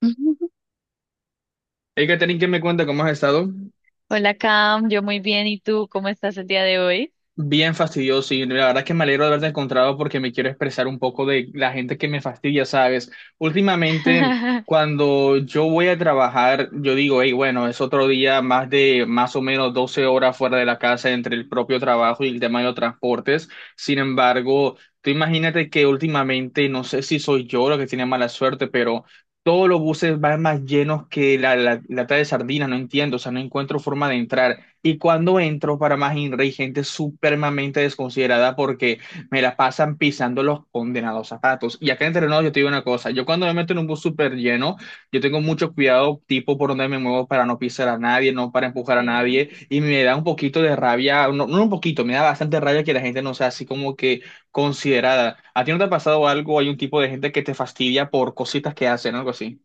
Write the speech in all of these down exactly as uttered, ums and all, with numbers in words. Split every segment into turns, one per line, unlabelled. Hey, Catherine, ¿qué me cuenta? ¿Cómo has estado?
Hola Cam, yo muy bien, ¿y tú cómo estás el día de hoy?
Bien fastidioso y la verdad es que me alegro de haberte encontrado porque me quiero expresar un poco de la gente que me fastidia, ¿sabes? Últimamente, cuando yo voy a trabajar, yo digo, hey, bueno, es otro día más de más o menos doce horas fuera de la casa entre el propio trabajo y el tema de los transportes. Sin embargo, tú imagínate que últimamente, no sé si soy yo lo que tiene mala suerte, pero... Todos los buses van más llenos que la, la lata de sardinas, no entiendo, o sea, no encuentro forma de entrar. Y cuando entro para más I N R A hay gente supremamente desconsiderada porque me la pasan pisando los condenados zapatos. Y acá en Terrenos yo te digo una cosa, yo cuando me meto en un bus súper lleno, yo tengo mucho cuidado tipo por donde me muevo para no pisar a nadie, no para empujar a
Sí.
nadie. Y me da un poquito de rabia, no, no un poquito, me da bastante rabia que la gente no sea así como que considerada. ¿A ti no te ha pasado algo? Hay un tipo de gente que te fastidia por cositas que hacen, algo así.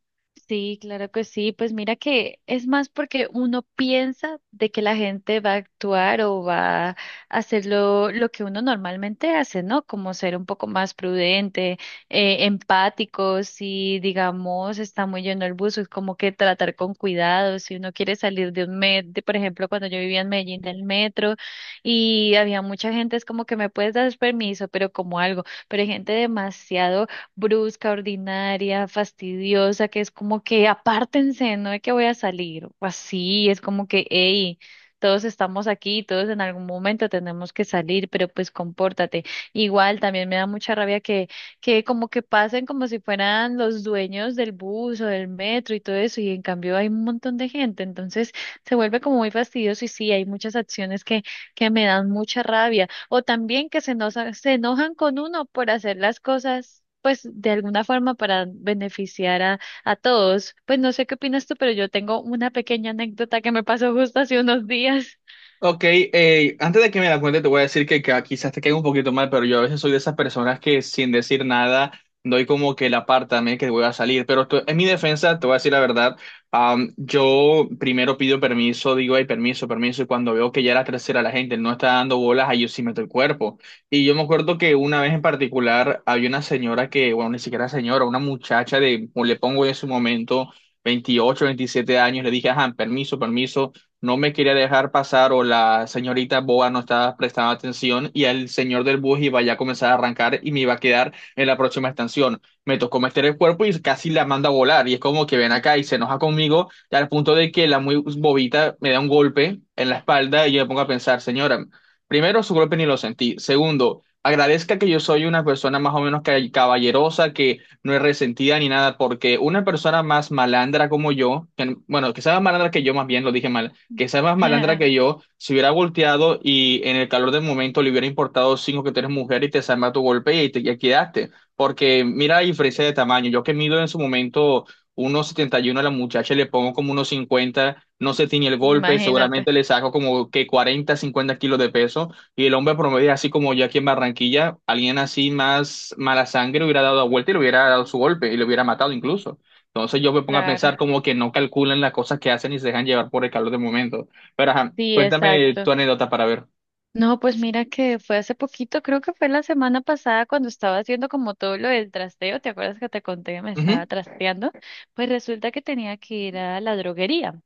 Sí, claro que sí. Pues mira que es más porque uno piensa de que la gente va a actuar o va a hacer lo, lo que uno normalmente hace, ¿no? Como ser un poco más prudente, eh, empático. Si digamos está muy lleno el bus, es como que tratar con cuidado, si uno quiere salir de un metro, por ejemplo, cuando yo vivía en Medellín del metro y había mucha gente, es como que me puedes dar permiso, pero como algo, pero hay gente demasiado brusca, ordinaria, fastidiosa, que es como que apártense, no es que voy a salir, o así, es como que, hey, todos estamos aquí, todos en algún momento tenemos que salir, pero pues compórtate. Igual también me da mucha rabia que, que como que pasen como si fueran los dueños del bus o del metro y todo eso, y en cambio hay un montón de gente, entonces se vuelve como muy fastidioso y sí, hay muchas acciones que, que me dan mucha rabia. O también que se enoja- se enojan con uno por hacer las cosas, pues de alguna forma para beneficiar a, a todos. Pues no sé qué opinas tú, pero yo tengo una pequeña anécdota que me pasó justo hace unos días.
Ok, eh, antes de que me la cuente, te voy a decir que, ca- quizás te quede un poquito mal, pero yo a veces soy de esas personas que sin decir nada doy como que la también que voy a salir. Pero to- en mi defensa, te voy a decir la verdad, am, yo primero pido permiso, digo, ay, permiso, permiso, y cuando veo que ya la tercera la gente no está dando bolas, ahí yo sí meto el cuerpo. Y yo me acuerdo que una vez en particular había una señora que, bueno, ni siquiera señora, una muchacha de, o le pongo en su momento, veintiocho, veintisiete años, le dije, ajá, permiso, permiso no me quería dejar pasar o la señorita boba no estaba prestando atención y el señor del bus iba ya a comenzar a arrancar y me iba a quedar en la próxima estación. Me tocó meter el cuerpo y casi la manda a volar y es como que ven acá y se enoja conmigo al punto de que la muy bobita me da un golpe en la espalda y yo me pongo a pensar, señora, primero su golpe ni lo sentí, segundo... Agradezca que yo soy una persona más o menos ca- caballerosa, que no es resentida ni nada, porque una persona más malandra como yo, que, bueno, que sea más malandra que yo, más bien lo dije mal que sea más malandra que yo, se hubiera volteado y en el calor del momento le hubiera importado cinco que tú eres mujer y te salma tu golpe y te ya quedaste. Porque mira la diferencia de tamaño. Yo que mido en su momento unos setenta y uno a la muchacha, le pongo como unos cincuenta no se tiñe el golpe,
Imagínate,
seguramente le saco como que cuarenta cincuenta kilos de peso. Y el hombre promedio, así como yo aquí en Barranquilla, alguien así más mala sangre hubiera dado la vuelta y le hubiera dado su golpe y le hubiera matado incluso. Entonces yo me pongo a
claro.
pensar como que no calculan las cosas que hacen y se dejan llevar por el calor del momento. Pero ajá,
Sí,
cuéntame
exacto.
tu anécdota para ver.
No, pues mira que fue hace poquito, creo que fue la semana pasada cuando estaba haciendo como todo lo del trasteo. ¿Te acuerdas que te conté que me estaba
Ujú.
trasteando? Pues resulta que tenía que ir a la droguería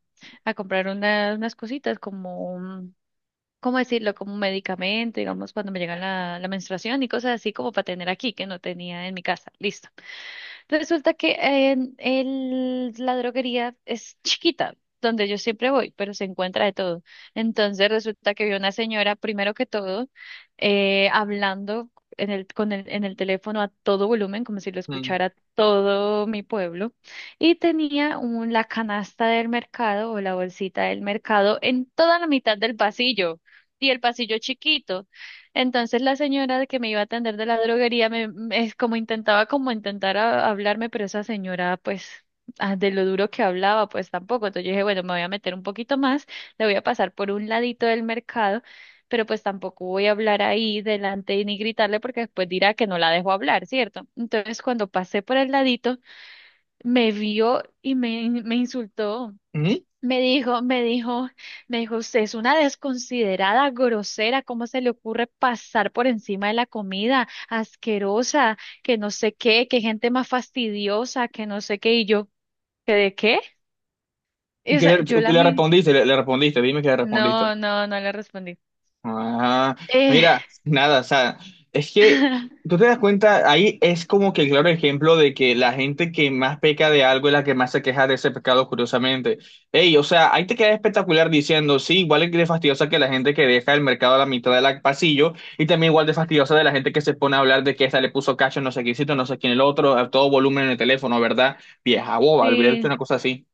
a comprar una- unas cositas como un- ¿cómo decirlo? Como un medicamento, digamos, cuando me llega la, la menstruación y cosas así como para tener aquí, que no tenía en mi casa. Listo. Resulta que en el- la droguería es chiquita, donde yo siempre voy, pero se encuentra de todo. Entonces resulta que vi una señora, primero que todo, eh, hablando en el, con el, en el teléfono a todo volumen, como si lo
Mm.
escuchara todo mi pueblo, y tenía un, la canasta del mercado o la bolsita del mercado en toda la mitad del pasillo, y el pasillo chiquito. Entonces la señora que me iba a atender de la droguería me, me- es como intentaba como intentar a- hablarme, pero esa señora pues ah, de lo duro que hablaba pues tampoco. Entonces yo dije, bueno, me voy a meter un poquito más, le voy a pasar por un ladito del mercado, pero pues tampoco voy a hablar ahí delante ni gritarle porque después dirá que no la dejo hablar, ¿cierto? Entonces cuando pasé por el ladito, me vio y me, me insultó.
Ujú.
Me dijo, me dijo, me dijo, usted es una desconsiderada, grosera, ¿cómo se le ocurre pasar por encima de la comida? Asquerosa, que no sé qué, que gente más fastidiosa, que no sé qué, y yo, ¿que de qué? Y,
¿Y
o
qué
sea,
le,
yo
tú
la
le
miré,
respondiste? Le, le respondiste, dime que le respondiste.
no, no, no le respondí.
Ah,
Eh,
mira, nada, o sea, es que tú te das cuenta, ahí es como que el claro ejemplo de que la gente que más peca de algo es la que más se queja de ese pecado, curiosamente. Ey, o sea, ahí te queda espectacular diciendo, sí, igual es de fastidiosa que la gente que deja el mercado a la mitad del pasillo, y también igual de fastidiosa de la gente que se pone a hablar de que esta le puso cacho, no sé quién, no sé quién el otro, a todo volumen en el teléfono, ¿verdad? Vieja boba, olvidé una
sí.
cosa así.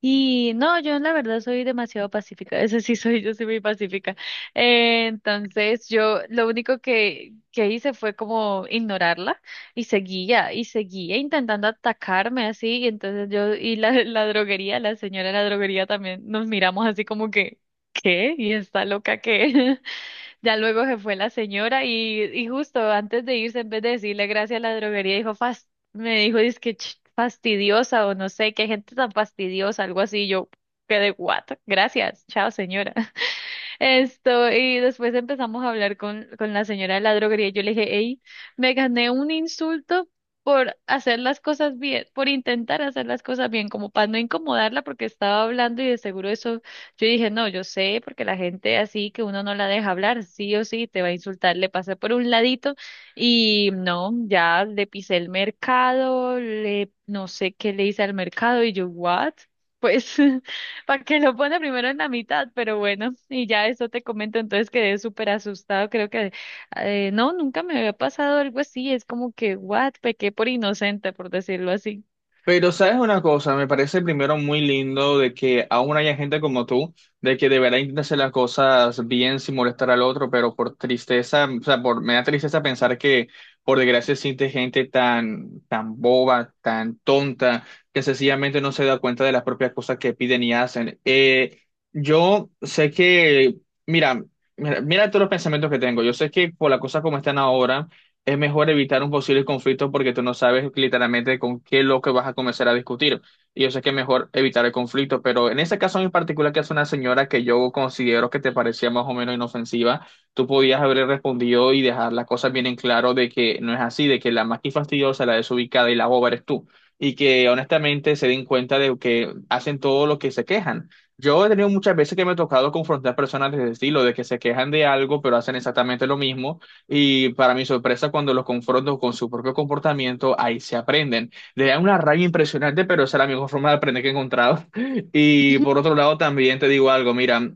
Y no, yo la verdad soy demasiado pacífica, eso sí soy, yo soy muy pacífica. Eh, entonces yo lo único que, que hice fue como ignorarla y seguía y seguía intentando atacarme así y entonces yo y la, la droguería, la señora de la droguería también nos miramos así como que, ¿qué? ¿Y está loca qué? Ya luego se fue la señora y, y justo antes de irse, en vez de decirle gracias a la droguería, dijo, "Fas- me dijo, es que fastidiosa o no sé, qué gente tan fastidiosa", algo así. Yo quedé, what? Gracias, chao señora. Esto, y después empezamos a hablar con, con la señora de la droguería. Yo le dije, hey, me gané un insulto por hacer las cosas bien, por intentar hacer las cosas bien, como para no incomodarla porque estaba hablando y de seguro eso, yo dije, no, yo sé, porque la gente así que uno no la deja hablar, sí o sí, te va a insultar, le pasé por un ladito y no, ya le pisé el mercado, le, no sé qué le hice al mercado y yo, what? Pues... para que lo pone primero en la mitad, pero bueno, y ya eso te comento, entonces quedé súper asustado, creo que eh, no, nunca me había pasado algo así, es como que, what, pequé por inocente, por decirlo así.
Pero sabes una cosa, me parece primero muy lindo de que aún haya gente como tú, de que de verdad intenta hacer las cosas bien sin molestar al otro, pero por tristeza, o sea, por, me da tristeza pensar que por desgracia existe gente tan, tan boba, tan tonta, que sencillamente no se da cuenta de las propias cosas que piden y hacen. Eh, yo sé que, mira, mira, mira todos los pensamientos que tengo, yo sé que por las cosas como están ahora es mejor evitar un posible conflicto porque tú no sabes literalmente con qué loco vas a comenzar a discutir. Y yo sé que es mejor evitar el conflicto, pero en ese caso en particular, que es una señora que yo considero que te parecía más o menos inofensiva, tú podías haber respondido y dejar las cosas bien en claro de que no es así, de que la más que fastidiosa, la desubicada y la boba eres tú. Y que honestamente se den cuenta de que hacen todo lo que se quejan. Yo he tenido muchas veces que me he tocado confrontar personas de ese estilo, de que se quejan de algo, pero hacen exactamente lo mismo y para mi sorpresa, cuando los confronto con su propio comportamiento, ahí se aprenden. Le da una rabia impresionante, pero esa es la mejor forma de aprender que he encontrado. Y por otro lado, también te digo algo, mira,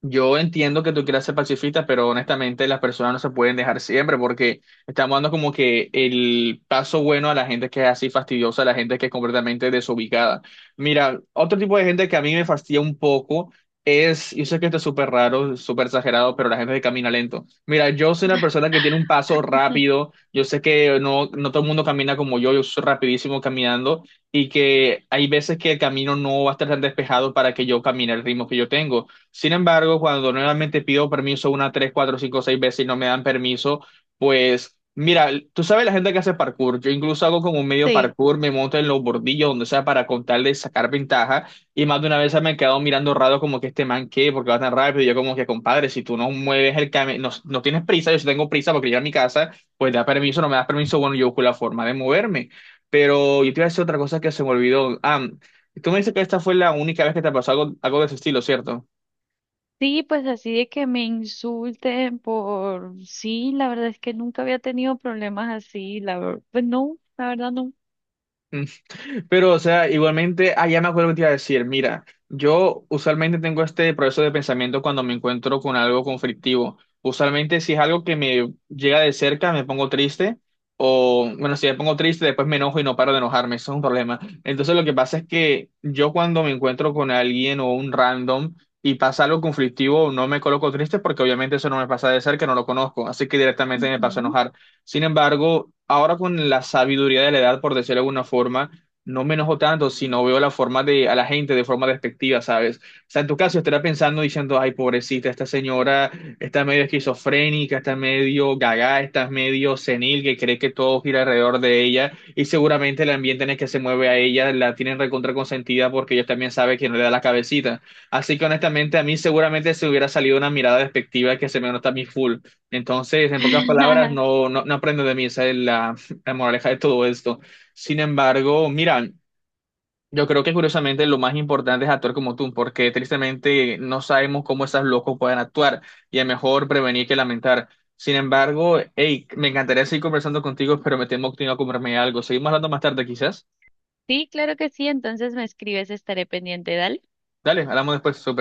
yo entiendo que tú quieras ser pacifista, pero honestamente las personas no se pueden dejar siempre porque estamos dando como que el paso bueno a la gente que es así fastidiosa, a la gente que es completamente desubicada. Mira, otro tipo de gente que a mí me fastidia un poco es, yo sé que esto es súper raro, súper exagerado, pero la gente que camina lento. Mira, yo soy una persona que tiene un paso rápido, yo sé que no, no todo el mundo camina como yo, yo soy rapidísimo caminando y que hay veces que el camino no va a estar tan despejado para que yo camine al ritmo que yo tengo. Sin embargo, cuando nuevamente pido permiso una, tres, cuatro, cinco, seis veces y no me dan permiso, pues mira, tú sabes la gente que hace parkour. Yo incluso hago como un medio
Sí.
parkour, me monto en los bordillos, donde sea, para contar de sacar ventaja. Y más de una vez se me han quedado mirando raro como que este man qué, porque va tan rápido. Y yo como que, compadre, si tú no mueves el camino, no, no tienes prisa, yo sí tengo prisa porque llegar a mi casa, pues da permiso, no me das permiso, bueno, yo busco la forma de moverme. Pero yo te iba a decir otra cosa que se me olvidó. Ah, tú me dices que esta fue la única vez que te pasó algo, algo de ese estilo, ¿cierto?
Sí, pues así de que me insulten por, sí, la verdad es que nunca había tenido problemas así, la verdad, pues no, la verdad no.
Pero, o sea, igualmente, ah, ya me acuerdo que te iba a decir, mira, yo usualmente tengo este proceso de pensamiento cuando me encuentro con algo conflictivo. Usualmente, si es algo que me llega de cerca, me pongo triste, o bueno, si me pongo triste, después me enojo y no paro de enojarme, eso es un problema. Entonces, lo que pasa es que yo cuando me encuentro con alguien o un random y pasa algo conflictivo, no me coloco triste porque obviamente eso no me pasa de cerca, no lo conozco, así que directamente me paso a
Ujú.
enojar. Sin embargo, ahora con la sabiduría de la edad, por decirlo de alguna forma, no me enojo tanto, sino veo la forma de, a la gente de forma despectiva, ¿sabes? O sea, en tu caso estará pensando diciendo, ay, pobrecita, esta señora está medio esquizofrénica, está medio gaga, está medio senil, que cree que todo gira alrededor de ella, y seguramente el ambiente en el que se mueve a ella la tienen recontra consentida porque ellos también saben que no le da la cabecita. Así que honestamente a mí seguramente se hubiera salido una mirada despectiva que se me nota a mí full. Entonces, en pocas palabras, no, no, no aprendo de mí, esa es la, la moraleja de todo esto. Sin embargo, mira, yo creo que curiosamente lo más importante es actuar como tú, porque tristemente no sabemos cómo esos locos pueden actuar y es mejor prevenir que lamentar. Sin embargo, hey, me encantaría seguir conversando contigo, pero me temo que tengo que comerme algo. Seguimos hablando más tarde, quizás.
Sí, claro que sí, entonces me escribes, estaré pendiente, dale.
Dale, hablamos después, súper.